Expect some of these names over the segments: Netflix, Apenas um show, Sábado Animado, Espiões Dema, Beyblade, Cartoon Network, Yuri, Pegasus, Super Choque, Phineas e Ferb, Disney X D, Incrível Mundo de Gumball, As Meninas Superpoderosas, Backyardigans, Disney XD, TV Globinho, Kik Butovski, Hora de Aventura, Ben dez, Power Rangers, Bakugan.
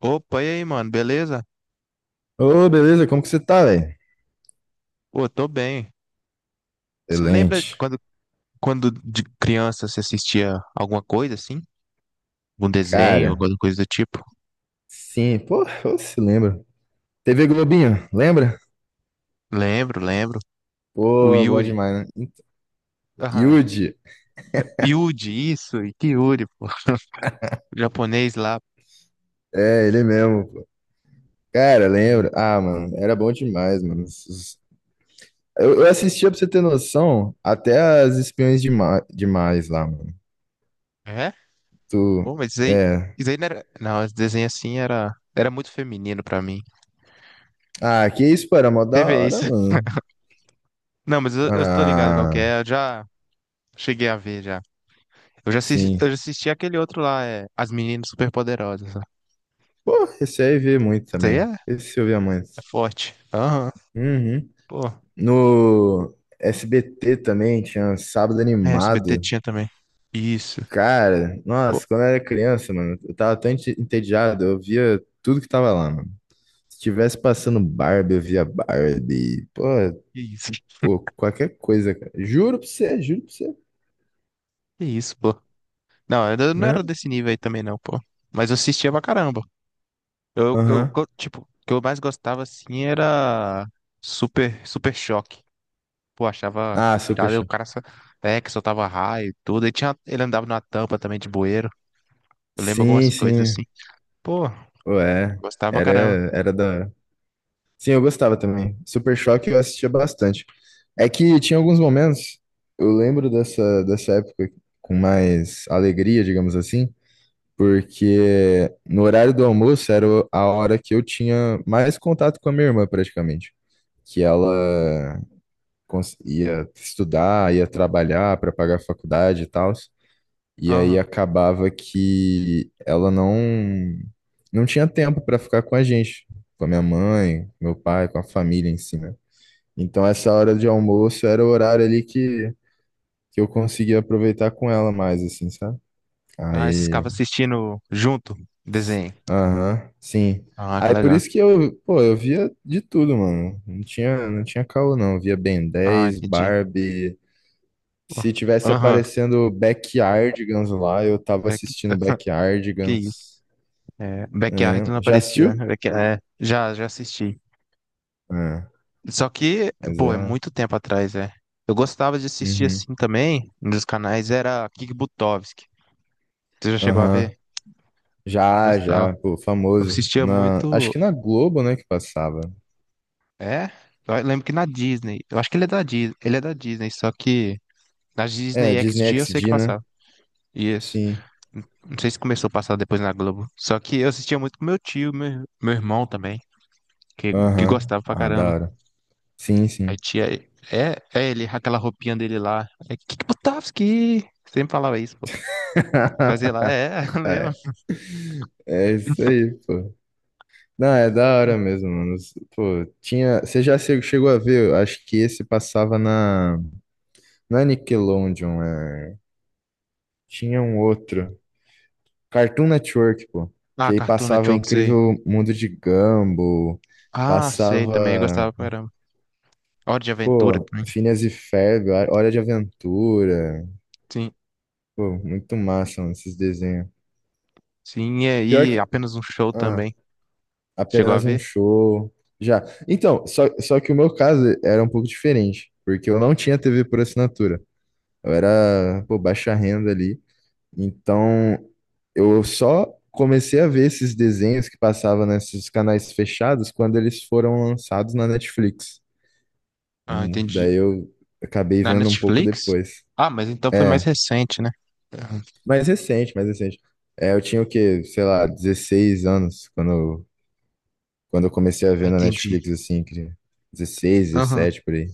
Opa, e aí, mano, beleza? Ô, beleza, como que você tá, velho? Pô, tô bem. Você lembra Excelente. quando, de criança você assistia alguma coisa assim? Um desenho, Cara, alguma coisa do tipo? sim, pô, eu se lembra. TV Globinho, lembra? Lembro, lembro. O Pô, bom Yuri. demais, né? Aham. Yudi, É, Yudi, isso, e que Yuri, pô. O japonês lá. é, ele mesmo, pô. Cara, lembra? Ah, mano, era bom demais, mano. Eu assistia, pra você ter noção, até as Espiões Demais lá, mano. É? Tu, Pô, mas é. isso aí não era. Não, esse desenho assim era, muito feminino pra mim. Ah, que isso, pô, era mó Você da vê hora, isso? mano. Não, mas eu tô ligado qual que Ah, é, eu já cheguei a ver já. Eu sim. já assisti aquele outro lá, é As Meninas Superpoderosas. Pô, esse aí eu via muito Isso aí também. é Esse eu via muito. é forte. Aham. Uhum. Pô. No SBT também tinha Sábado É, SBT Animado. tinha também. Isso. Cara, Pô, nossa, quando eu era criança, mano, eu tava tão entediado, eu via tudo que tava lá, mano. Se tivesse passando Barbie, eu via Barbie. Pô, que isso. pô, qualquer coisa, cara. Juro pra você, juro pra você. Que isso, pô. Não, eu não Hã? era desse nível aí também, não, pô. Mas eu assistia pra caramba. Aham. Tipo, o que eu mais gostava, assim, era Super Choque. Pô, achava Ah, Super irado. Aí o Show. cara só, é, que soltava raio e tudo. E tinha, ele andava numa tampa também de bueiro. Eu lembro algumas Sim, coisas, assim. sim. Pô, Ué, gostava pra era, caramba. era da hora. Sim, eu gostava também. Super Choque eu assistia bastante. É que tinha alguns momentos, eu lembro dessa época com mais alegria, digamos assim, porque no horário do almoço era a hora que eu tinha mais contato com a minha irmã, praticamente. Que ela ia estudar, ia trabalhar para pagar a faculdade e tal. E aí Aham. acabava que ela não tinha tempo para ficar com a gente, com a minha mãe, com meu pai, com a família em si, né? Então essa hora de almoço era o horário ali que eu conseguia aproveitar com ela mais, assim, sabe? Ah, esses Aí, caras assistindo junto, desenho. aham, sim. Ah, que Aí por legal. isso que eu, pô, eu via de tudo, mano. Não tinha caô, não. Eu via Ben Ah, dez, entendi. Barbie. Oh, Se tivesse aham, aparecendo Backyardigans lá, eu tava back... assistindo que isso. Backyardigans. É, Backyard É, não já aparecia, né? assistiu? Back... É, já, já assisti. É, Só que, mas pô, é é. muito tempo atrás, é. Eu gostava de assistir Uhum. assim também, nos canais, era Kik Butovski. Você já chegou a ver? Aham. Eu Já, gostava. já, pô, Eu famoso. assistia Acho muito. que na Globo, né, que passava. É? Eu lembro que na Disney. Eu acho que ele é da Disney. Ele é da Disney, só que na É, Disney Disney XD eu X sei que D né? passava. Isso. Sim. Não sei se começou a passar depois na Globo. Só que eu assistia muito com meu tio, meu irmão também, que Aham. gostava pra Ah, da caramba. hora. Sim, Aí sim. tinha. É, é ele, aquela roupinha dele lá. É Kikbutovski! Sempre falava isso, pô. Fazia lá, é, lembra? É, é isso aí, pô. Não, é da hora mesmo, mano. Pô, tinha. Você já chegou a ver? Eu acho que esse passava na. Na Nickelodeon, é. Tinha um outro. Cartoon Network, pô. Ah, Que aí Cartoon passava Network, sei. Incrível Mundo de Gumball. Ah, sei Passava. também, eu gostava pra caramba. Hora de Aventura Pô, também. Phineas e Ferb, Hora de Aventura. Sim, Pô, muito massa, mano, esses desenhos. sim, e Pior aí que. Apenas um Show Ah, também. Chegou a Apenas um ver? show. Já. Então, só que o meu caso era um pouco diferente, porque eu não tinha TV por assinatura. Eu era, pô, baixa renda ali. Então, eu só comecei a ver esses desenhos que passavam nesses canais fechados quando eles foram lançados na Netflix. Ah, Daí entendi. eu acabei Na vendo um pouco Netflix? depois. Ah, mas então foi mais É, recente, né? Aham. mais recente, mais recente. É, eu tinha o quê? Sei lá, 16 anos quando eu comecei a Ah, ver na entendi. Netflix, assim, que dezesseis Aham, dezessete por aí.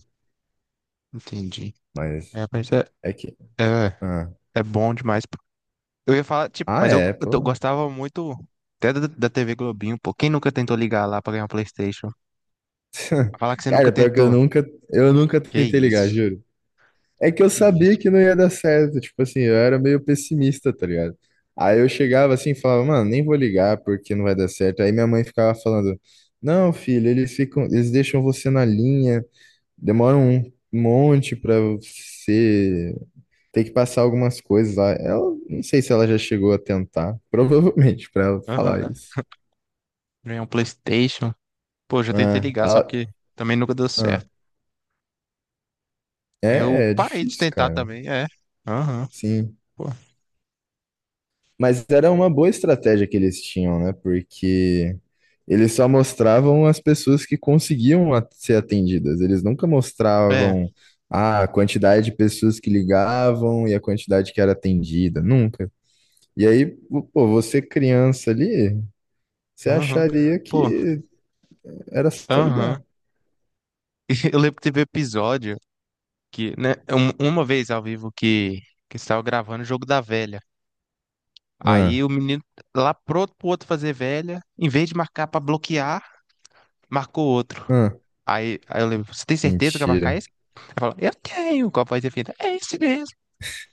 entendi. Mas É, mas é, é que. é, Ah, é bom demais. Eu ia falar, tipo, ah mas eu, é, pô. gostava muito até da, da TV Globinho, pô. Quem nunca tentou ligar lá pra ganhar um PlayStation? Falar que você nunca Cara, pior que eu tentou. nunca, eu nunca Que tentei ligar, isso? juro. É que eu Que sabia isso? que não ia dar certo, tipo assim, eu era meio pessimista, tá ligado? Aí eu chegava assim e falava, mano, nem vou ligar porque não vai dar certo. Aí minha mãe ficava falando, não, filho, eles ficam, eles deixam você na linha, demoram um monte pra você. Tem que passar algumas coisas lá. Ela, não sei se ela já chegou a tentar. Provavelmente, pra ela falar Aham. isso. Ganhar um PlayStation? Pô, já tentei Ah, ligar, só que também nunca deu ah, certo. Aí eu é parei de difícil, tentar cara. também, é. Aham. Sim. Pô, Mas era uma boa estratégia que eles tinham, né? Porque eles só mostravam as pessoas que conseguiam ser atendidas. Eles nunca é. mostravam, ah, a quantidade de pessoas que ligavam e a quantidade que era atendida. Nunca. E aí, pô, você criança ali, você Aham. acharia Pô, que era só aham. ligar. Eu lembro que teve episódio que, né, uma vez ao vivo que estava gravando o jogo da velha. Ah, Aí o menino lá pronto pro outro fazer velha, em vez de marcar pra bloquear, marcou outro. ah, Aí eu lembro, você tem certeza que vai mentira. marcar esse? Ele falou, eu tenho, com a voz definida, é esse mesmo.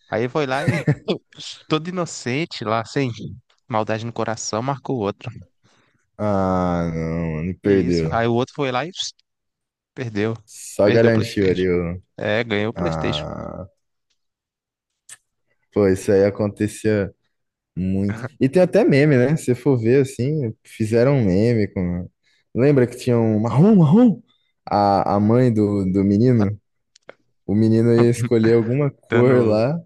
Aí foi lá e, todo inocente lá, sem maldade no coração, marcou outro. Ah, não, mano, É isso. Aí perdeu. o outro foi lá e perdeu. Só Perdeu o garantiu PlayStation. ali o. É, ganhou o PlayStation. Ah, pô, isso aí acontecia muito. E tem até meme, né? Se for ver assim, fizeram um meme com. Lembra que tinha um marrom, marrom? A mãe do menino? O menino ia escolher alguma cor Dando, lá.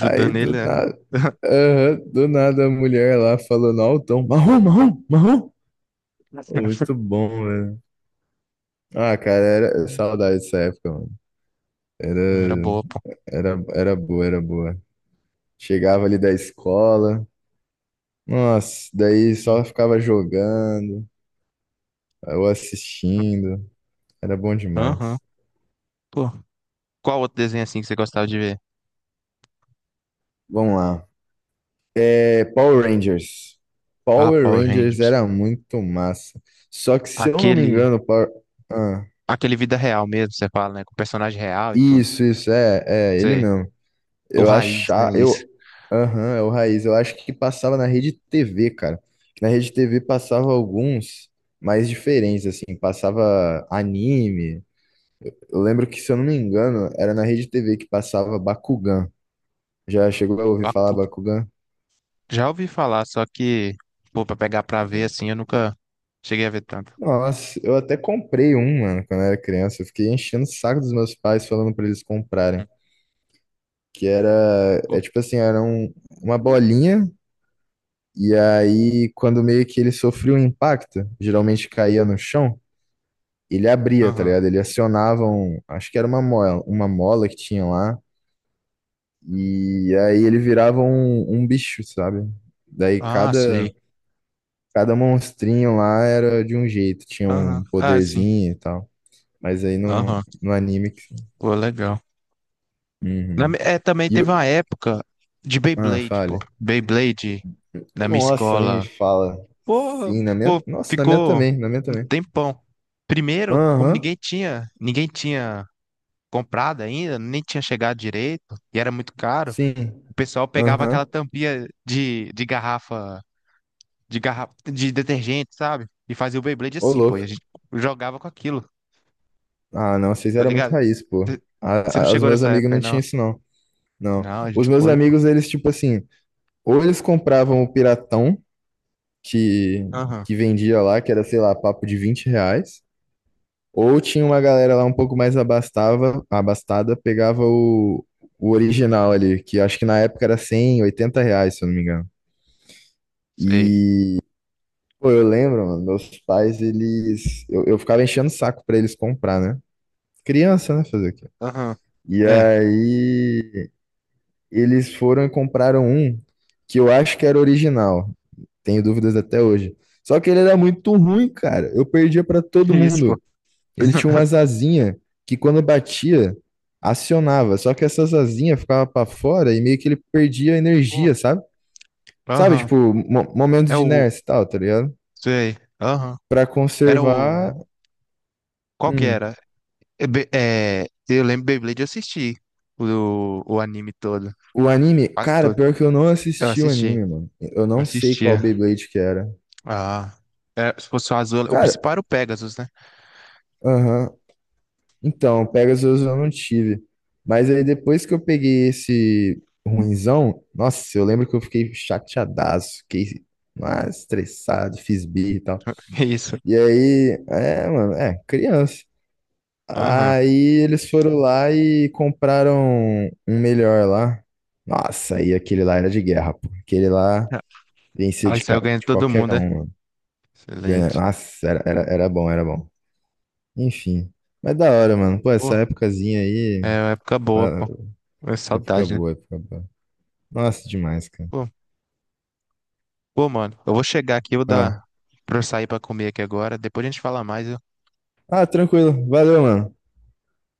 Aí do ele, né? nada. Aham, do nada a mulher lá falou falando altão, marrom, marrom, marrom. Muito bom, velho. Ah, cara, era saudade dessa época, mano. Era, Não era boa, pô. era boa, era boa. Chegava ali da escola, nossa, daí Sim. só ficava jogando ou assistindo. Era bom Aham. demais. Pô, qual outro desenho assim que você gostava de ver? Vamos lá. É, Power Rangers. Ah, Power Power Rangers Rangers. era muito massa. Só que, se eu não me Aquele, engano, Power... Ah, aquele vida real mesmo, você fala, né? Com personagem real e tudo. isso, é ele Sei. mesmo. O Eu raiz, achava, né? Isso. eu, aham, é o Raiz, eu acho que passava na Rede TV, cara. Que na Rede TV passava alguns mais diferentes, assim, passava anime. Eu lembro que, se eu não me engano, era na Rede TV que passava Bakugan. Já chegou a ouvir Eu falar acu- Bakugan? Já ouvi falar, só que, pô, pra pegar pra ver assim, eu nunca cheguei a ver tanto. Nossa, eu até comprei um, mano, quando eu era criança. Eu fiquei enchendo o saco dos meus pais falando pra eles comprarem. Hum, Que era, pô. é tipo assim, era uma bolinha. E aí, quando meio que ele sofria um impacto, geralmente caía no chão, ele abria, tá Aham. ligado? Ele acionava um, acho que era uma mola que tinha lá, e aí ele virava um bicho, sabe? Daí Ah, sei. cada monstrinho lá era de um jeito, tinha Aham. um Ah, sim. poderzinho e tal. Mas aí no, Aham. no anime. Pô, legal. Uhum. É, também E o. teve uma época de Ah, Beyblade, pô. falha. Beyblade na minha Nossa, nem me escola. fala. Pô, Sim, na minha. ficou, Nossa, na minha ficou também, na minha um também. tempão. Primeiro, como Aham, ninguém tinha comprado ainda, nem tinha chegado direito, e era muito caro, sim. o pessoal pegava aquela Aham. tampinha de garrafa, de detergente, sabe? E fazia o Beyblade Ô, assim, pô, e a louco. gente jogava com aquilo, Ah, não, vocês tá eram muito ligado? raiz, pô. Você não Os chegou meus nessa amigos época aí, não não? tinham isso, não. Não. Não, a Os gente meus foi. Pô. amigos, eles, tipo assim, ou eles compravam o piratão que, Aham, que vendia lá, que era, sei lá, papo de 20 reais, ou tinha uma galera lá um pouco mais abastada, pegava o original ali, que acho que na época era 100, 80 reais, se eu não me engano. sei. E, pô, eu lembro, mano, meus pais, eles. Eu ficava enchendo o saco pra eles comprar, né? Criança, né? Fazer o quê? Aham, E é, aí. Eles foram e compraram um que eu acho que era original. Tenho dúvidas até hoje. Só que ele era muito ruim, cara. Eu perdia pra todo isso, pô. mundo. Ele tinha umas asinhas que quando batia, acionava. Só que essas asinhas ficavam pra fora e meio que ele perdia Pô, energia, sabe? Sabe, aham, tipo, momento é de o, inércia e tal, tá ligado? sei, aham. Pra Era o, conservar. qual que hum, era? É, é, eu lembro Beyblade, eu assisti o anime todo, O anime, quase cara, todo. pior que eu não Eu assisti o assisti, anime, mano. Eu eu não sei qual assistia. Beyblade que era. Ah, é, se fosse o azul, o Cara, principal era o Pegasus, né? aham. Então, Pegasus eu não tive. Mas aí depois que eu peguei esse ruinzão, nossa, eu lembro que eu fiquei chateadaço, fiquei estressado, fiz birra e tal. Isso. E aí, é, mano, é, criança. Aham. Aí eles foram lá e compraram um melhor lá. Nossa, aí aquele lá era de guerra, pô. Aquele lá vencia Aí de, saiu ganhando de todo qualquer mundo, né? um, mano. Excelente. Nossa, era bom, era bom. Enfim. Mas da hora, mano. Pô, Pô, essa épocazinha aí. é uma época boa, pô. É Época saudade, né? boa, época boa. Nossa, demais, cara. Pô, pô, mano, eu vou chegar aqui, eu vou Ah, dar pra eu sair pra comer aqui agora. Depois a gente fala mais, viu? ah, tranquilo. Valeu, mano.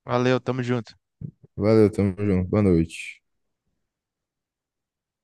Valeu, tamo junto. Valeu, tamo junto. Boa noite.